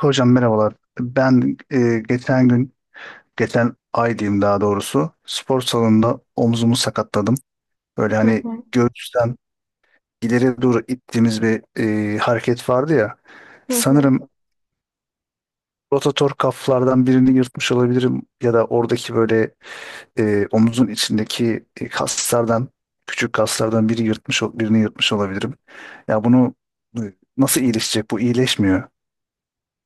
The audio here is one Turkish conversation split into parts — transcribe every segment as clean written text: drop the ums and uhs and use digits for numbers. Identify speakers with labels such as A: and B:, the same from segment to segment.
A: Hocam merhabalar. Ben geçen gün, geçen ay diyeyim daha doğrusu, spor salonunda omzumu sakatladım. Böyle
B: Hı
A: hani
B: hı,
A: göğüsten ileri doğru ittiğimiz bir hareket vardı ya.
B: hı hı.
A: Sanırım rotator kaflardan birini yırtmış olabilirim ya da oradaki böyle omuzun içindeki kaslardan, küçük kaslardan biri yırtmış, birini yırtmış olabilirim. Ya bunu e, nasıl iyileşecek? Bu iyileşmiyor.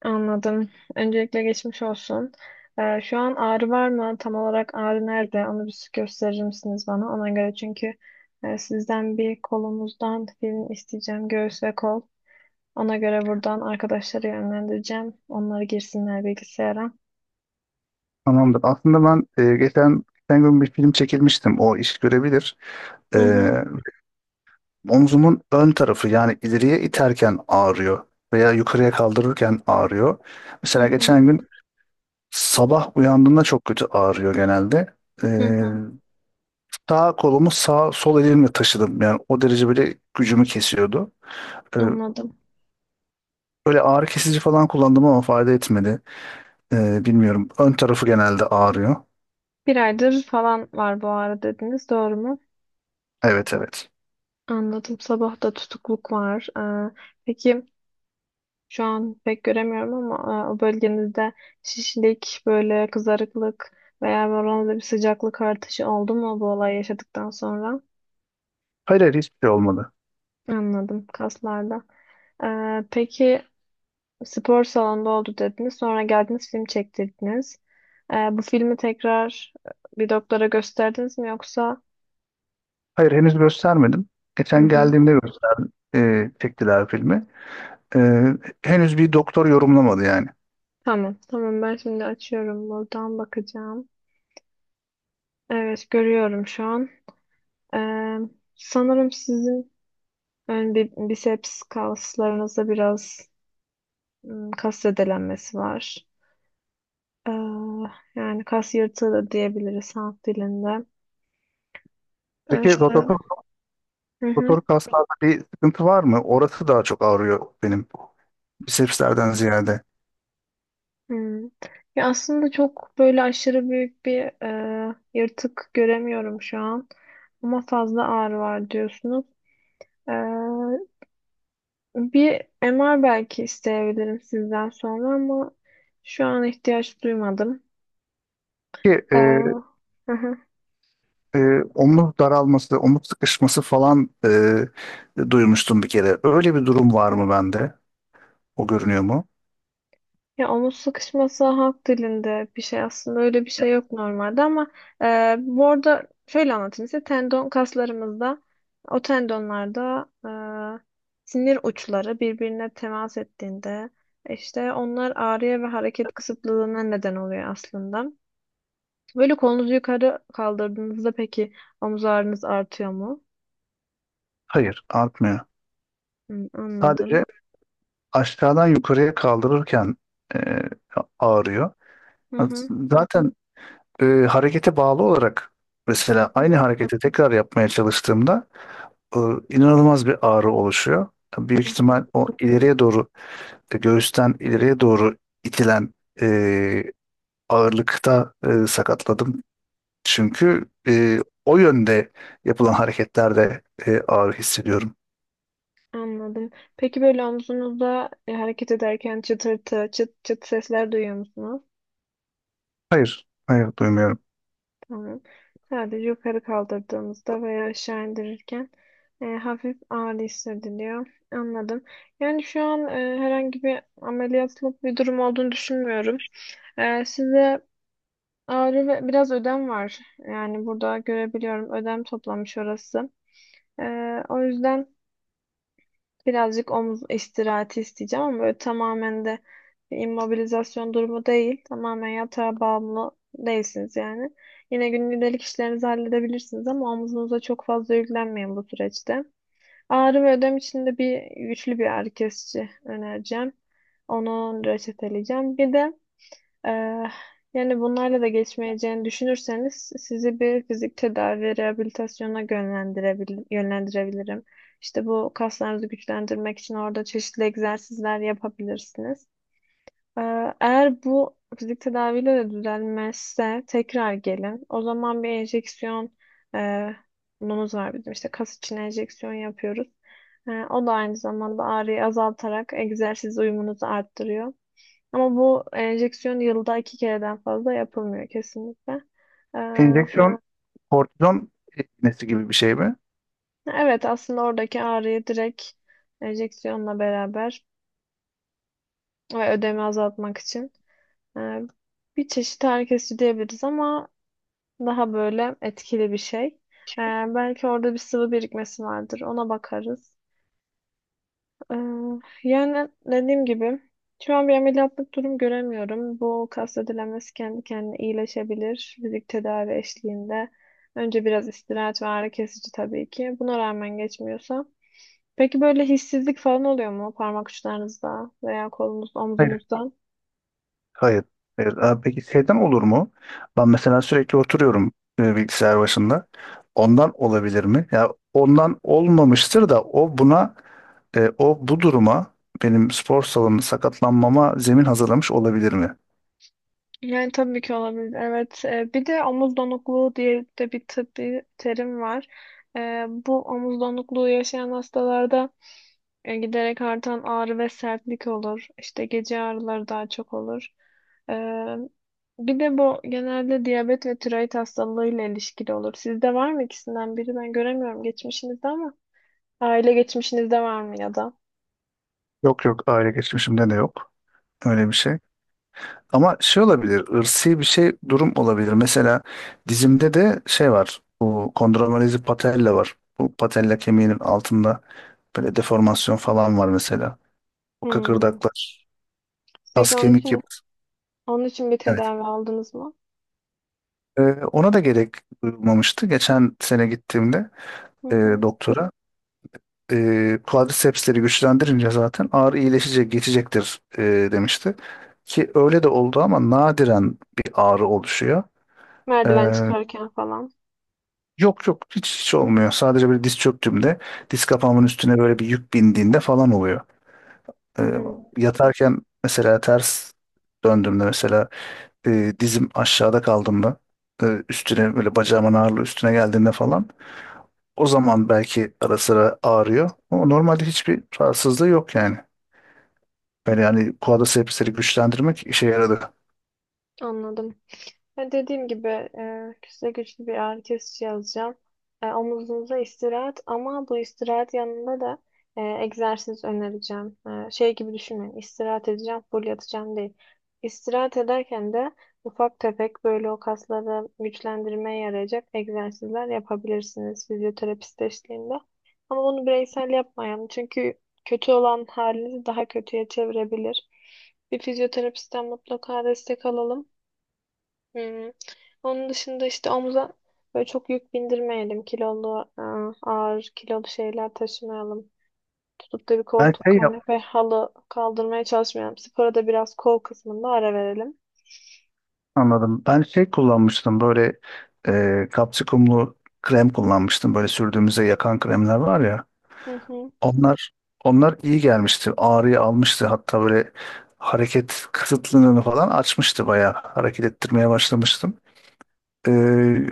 B: Anladım. Öncelikle geçmiş olsun. Şu an ağrı var mı? Tam olarak ağrı nerede? Onu bir gösterir misiniz bana? Ona göre çünkü sizden bir kolumuzdan film isteyeceğim. Göğüs ve kol. Ona göre buradan arkadaşları yönlendireceğim. Onları girsinler bilgisayara.
A: Tamamdır. Aslında ben geçen gün bir film çekilmiştim. O iş görebilir. E,
B: Hı hı,
A: Omzumun ön tarafı yani ileriye iterken ağrıyor veya yukarıya kaldırırken ağrıyor.
B: hı
A: Mesela
B: hı,
A: geçen gün sabah uyandığımda çok kötü ağrıyor genelde. E,
B: hı hı.
A: Sağ kolumu sağ sol elimle taşıdım. Yani o derece böyle gücümü kesiyordu. E,
B: Anladım.
A: Böyle ağrı kesici falan kullandım ama fayda etmedi. Bilmiyorum. Ön tarafı genelde ağrıyor.
B: Bir aydır falan var bu ağrı dediniz. Doğru mu?
A: Evet evet.
B: Anladım. Sabah da tutukluk var. Peki. Şu an pek göremiyorum ama o bölgenizde şişlik, böyle kızarıklık veya bir oranda bir sıcaklık artışı oldu mu bu olay yaşadıktan sonra?
A: Hayır hayır hiçbir şey olmadı.
B: Anladım, kaslarda. E, peki, spor salonunda oldu dediniz. Sonra geldiniz, film çektirdiniz. Bu filmi tekrar bir doktora gösterdiniz mi yoksa?
A: Hayır henüz göstermedim.
B: Hı
A: Geçen
B: hı.
A: geldiğimde göster e, çektiler filmi. E, Henüz bir doktor yorumlamadı yani.
B: Tamam. Tamam, ben şimdi açıyorum, buradan bakacağım. Evet, görüyorum şu an. E, sanırım sizin ön biceps kaslarınızda biraz kas zedelenmesi var. Ee, yani kas yırtığı da diyebiliriz halk dilinde.
A: Peki rotator,
B: Ee, hı hı,
A: rotator kaslarda bir sıkıntı var mı? Orası daha çok ağrıyor benim bisepslerden ziyade.
B: hı. Ya aslında çok böyle aşırı büyük bir yırtık göremiyorum şu an. Ama fazla ağrı var diyorsunuz. Ee, bir MR belki isteyebilirim sizden sonra ama şu an ihtiyaç duymadım.
A: Ki
B: Ee,
A: e,
B: hı hı.
A: e, Omuz daralması, omuz sıkışması falan duymuştum bir kere. Öyle bir durum var mı bende? O görünüyor mu?
B: Ya omuz sıkışması halk dilinde bir şey, aslında öyle bir şey yok normalde ama bu arada şöyle anlatayım size: tendon kaslarımızda, o tendonlarda sinir uçları birbirine temas ettiğinde, işte onlar ağrıya ve hareket kısıtlılığına neden oluyor aslında. Böyle kolunuzu yukarı kaldırdığınızda peki omuz ağrınız artıyor mu?
A: Hayır, artmıyor.
B: Hı,
A: Sadece
B: anladım.
A: aşağıdan yukarıya kaldırırken e, ağrıyor.
B: Hı hı,
A: Zaten harekete bağlı olarak
B: hı
A: mesela
B: hı,
A: aynı hareketi tekrar yapmaya çalıştığımda e, inanılmaz bir ağrı oluşuyor. Büyük
B: hı
A: ihtimal
B: hı.
A: o ileriye doğru, göğüsten ileriye doğru itilen e, ağırlıkta sakatladım. Çünkü o yönde yapılan hareketlerde ağrı hissediyorum.
B: Anladım. Peki böyle omzunuzda hareket ederken çıtırtı, çıt çıt sesler duyuyor musunuz?
A: Hayır, hayır duymuyorum.
B: Tamam. Sadece yukarı kaldırdığımızda veya aşağı indirirken hafif ağrı hissediliyor. Anladım. Yani şu an herhangi bir ameliyatlık bir durum olduğunu düşünmüyorum. Size ağrı ve biraz ödem var. Yani burada görebiliyorum, ödem toplamış orası. E, o yüzden birazcık omuz istirahati isteyeceğim ama böyle tamamen de bir immobilizasyon durumu değil. Tamamen yatağa bağımlı değilsiniz yani. Yine günlük işlerinizi halledebilirsiniz ama omuzunuza çok fazla yüklenmeyin bu süreçte. Ağrı ve ödem için de bir güçlü bir ağrı kesici önereceğim. Onu reçeteleyeceğim. Bir de ee, yani bunlarla da geçmeyeceğini düşünürseniz sizi bir fizik tedavi ve rehabilitasyona yönlendirebilirim. İşte bu kaslarınızı güçlendirmek için orada çeşitli egzersizler yapabilirsiniz. Ee, eğer bu fizik tedaviyle de düzelmezse tekrar gelin. O zaman bir enjeksiyon e, bunumuz var bizim, işte kas için enjeksiyon yapıyoruz. O da aynı zamanda ağrıyı azaltarak egzersiz uyumunuzu arttırıyor. Ama bu enjeksiyon yılda iki kereden fazla yapılmıyor kesinlikle. Ee,
A: Enjeksiyon kortizon iğnesi gibi bir şey mi?
B: evet, aslında oradaki ağrıyı direkt enjeksiyonla beraber ve ödemi azaltmak için e, bir çeşit ağrı kesici diyebiliriz ama daha böyle etkili bir şey. Ee, belki orada bir sıvı birikmesi vardır. Ona bakarız. Ee, Yani dediğim gibi şu an bir ameliyatlık durum göremiyorum. Bu kas ödelemesi kendi kendine iyileşebilir fizik tedavi eşliğinde. Önce biraz istirahat ve ağrı kesici tabii ki. Buna rağmen geçmiyorsa. Peki böyle hissizlik falan oluyor mu parmak uçlarınızda veya kolunuzda,
A: Hayır,
B: omzunuzda?
A: hayır. Hayır. Abi peki şeyden olur mu? Ben mesela sürekli oturuyorum bilgisayar başında. Ondan olabilir mi? Ya ondan olmamıştır da o buna o bu duruma benim spor salonu sakatlanmama zemin hazırlamış olabilir mi?
B: Yani tabii ki olabilir. Evet. Bir de omuz donukluğu diye de bir tıbbi terim var. Bu omuz donukluğu yaşayan hastalarda giderek artan ağrı ve sertlik olur. İşte gece ağrıları daha çok olur. E, bir de bu genelde diyabet ve tiroid hastalığıyla ilişkili olur. Sizde var mı ikisinden biri? Ben göremiyorum geçmişinizde ama aile geçmişinizde var mı ya da?
A: Yok yok aile geçmişimde de yok. Öyle bir şey. Ama şey olabilir, ırsi bir şey durum olabilir. Mesela dizimde de şey var, bu kondromalazi patella var. Bu patella kemiğinin altında böyle deformasyon falan var mesela. O
B: Hmm.
A: kıkırdaklar, kas
B: Peki onun
A: kemik
B: için
A: yapısı.
B: onun için bir
A: Evet.
B: tedavi aldınız mı?
A: Ee, Ona da gerek duyulmamıştı. Geçen sene gittiğimde
B: Hı
A: e,
B: hı.
A: doktora quadricepsleri güçlendirince zaten ağrı iyileşecek, geçecektir, demişti. Ki öyle de oldu ama nadiren bir ağrı oluşuyor. Ee,
B: Merdiven çıkarken falan.
A: Yok yok hiç, hiç olmuyor. Sadece böyle diz çöktüğümde diz kapağımın üstüne böyle bir yük bindiğinde falan oluyor. Ee,
B: Hmm.
A: Yatarken mesela ters döndüğümde mesela dizim aşağıda kaldığımda üstüne böyle bacağımın ağırlığı üstüne geldiğinde falan o zaman belki ara sıra ağrıyor. Ama normalde hiçbir rahatsızlığı yok yani. Böyle yani quadricepsleri güçlendirmek işe yaradı.
B: Anladım. Ya dediğim gibi size güçlü bir ağrı kesici yazacağım. Omuzunuza istirahat ama bu istirahat yanında da egzersiz önereceğim. Şey gibi düşünmeyin. İstirahat edeceğim, full yatacağım değil. İstirahat ederken de ufak tefek böyle o kasları güçlendirmeye yarayacak egzersizler yapabilirsiniz fizyoterapist eşliğinde. Ama bunu bireysel yapmayalım çünkü kötü olan halinizi daha kötüye çevirebilir. Bir fizyoterapistten mutlaka destek alalım. Hmm. Onun dışında işte omuza böyle çok yük bindirmeyelim. Kilolu, ağır kilolu şeyler taşımayalım. Tutup da bir
A: Ben
B: koltuk,
A: şey yap-
B: kanepe, halı kaldırmaya çalışmayalım. Spora da biraz kol kısmında ara verelim.
A: Anladım. Ben şey kullanmıştım böyle kapsikumlu krem kullanmıştım. Böyle sürdüğümüzde yakan kremler var ya.
B: Hı hı.
A: Onlar onlar iyi gelmişti. Ağrıyı almıştı. Hatta böyle hareket kısıtlılığını falan açmıştı bayağı. Hareket ettirmeye başlamıştım. E,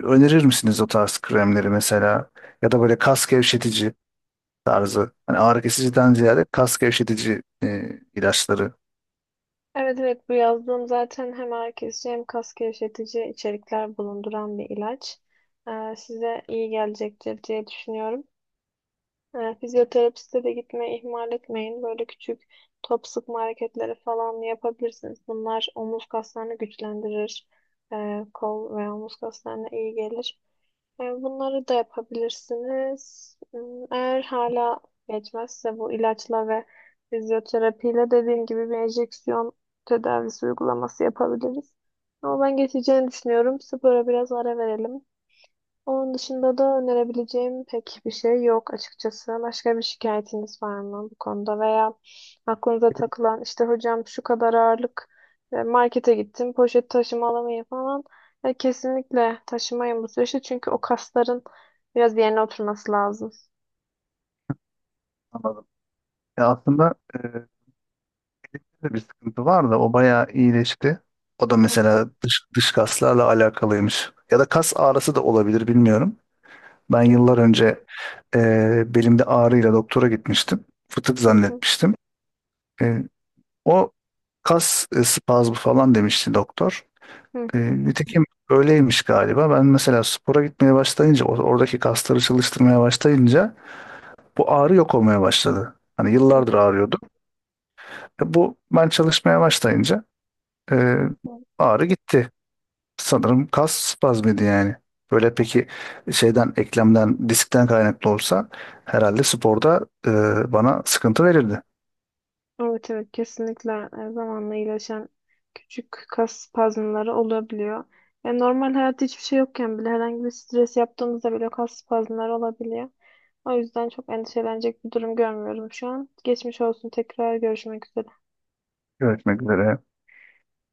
A: Önerir misiniz o tarz kremleri mesela? Ya da böyle kas gevşetici tarzı. Hani ağrı kesiciden ziyade kas gevşetici ilaçları.
B: Evet, evet, bu yazdığım zaten hem ağrı kesici, hem kas gevşetici içerikler bulunduran bir ilaç. Size iyi gelecektir diye düşünüyorum. Fizyoterapiste de gitmeyi ihmal etmeyin. Böyle küçük top sıkma hareketleri falan yapabilirsiniz. Bunlar omuz kaslarını güçlendirir. Kol ve omuz kaslarına iyi gelir. Bunları da yapabilirsiniz. Eğer hala geçmezse bu ilaçla ve fizyoterapiyle, dediğim gibi, bir enjeksiyon tedavisi uygulaması yapabiliriz. Ama ben geçeceğini düşünüyorum. Spora biraz ara verelim. Onun dışında da önerebileceğim pek bir şey yok açıkçası. Başka bir şikayetiniz var mı bu konuda veya aklınıza takılan? İşte hocam şu kadar ağırlık markete gittim, poşet taşıma alamayın falan. Kesinlikle taşımayın bu süreçte çünkü o kasların biraz yerine oturması lazım.
A: Anladım. Ya aslında bir sıkıntı var da o bayağı iyileşti. O da
B: Hı hı,
A: mesela dış, dış kaslarla alakalıymış. Ya da kas ağrısı da olabilir bilmiyorum. Ben yıllar önce belimde ağrıyla doktora gitmiştim. Fıtık
B: hı hı,
A: zannetmiştim. E, O kas spazmı falan demişti doktor.
B: hı
A: E,
B: hı,
A: Nitekim öyleymiş galiba. Ben mesela spora gitmeye başlayınca, oradaki kasları çalıştırmaya başlayınca bu ağrı yok olmaya başladı. Hani
B: hı
A: yıllardır
B: hı,
A: ağrıyordu. Bu ben çalışmaya başlayınca e,
B: hı hı.
A: ağrı gitti. Sanırım kas spazmıydı yani. Böyle peki şeyden, eklemden, diskten kaynaklı olsa herhalde sporda bana sıkıntı verirdi.
B: Evet, evet, kesinlikle zamanla iyileşen küçük kas spazmları olabiliyor. Yani normal hayatta hiçbir şey yokken bile herhangi bir stres yaptığımızda bile kas spazmları olabiliyor. O yüzden çok endişelenecek bir durum görmüyorum şu an. Geçmiş olsun, tekrar görüşmek üzere.
A: Görüşmek üzere.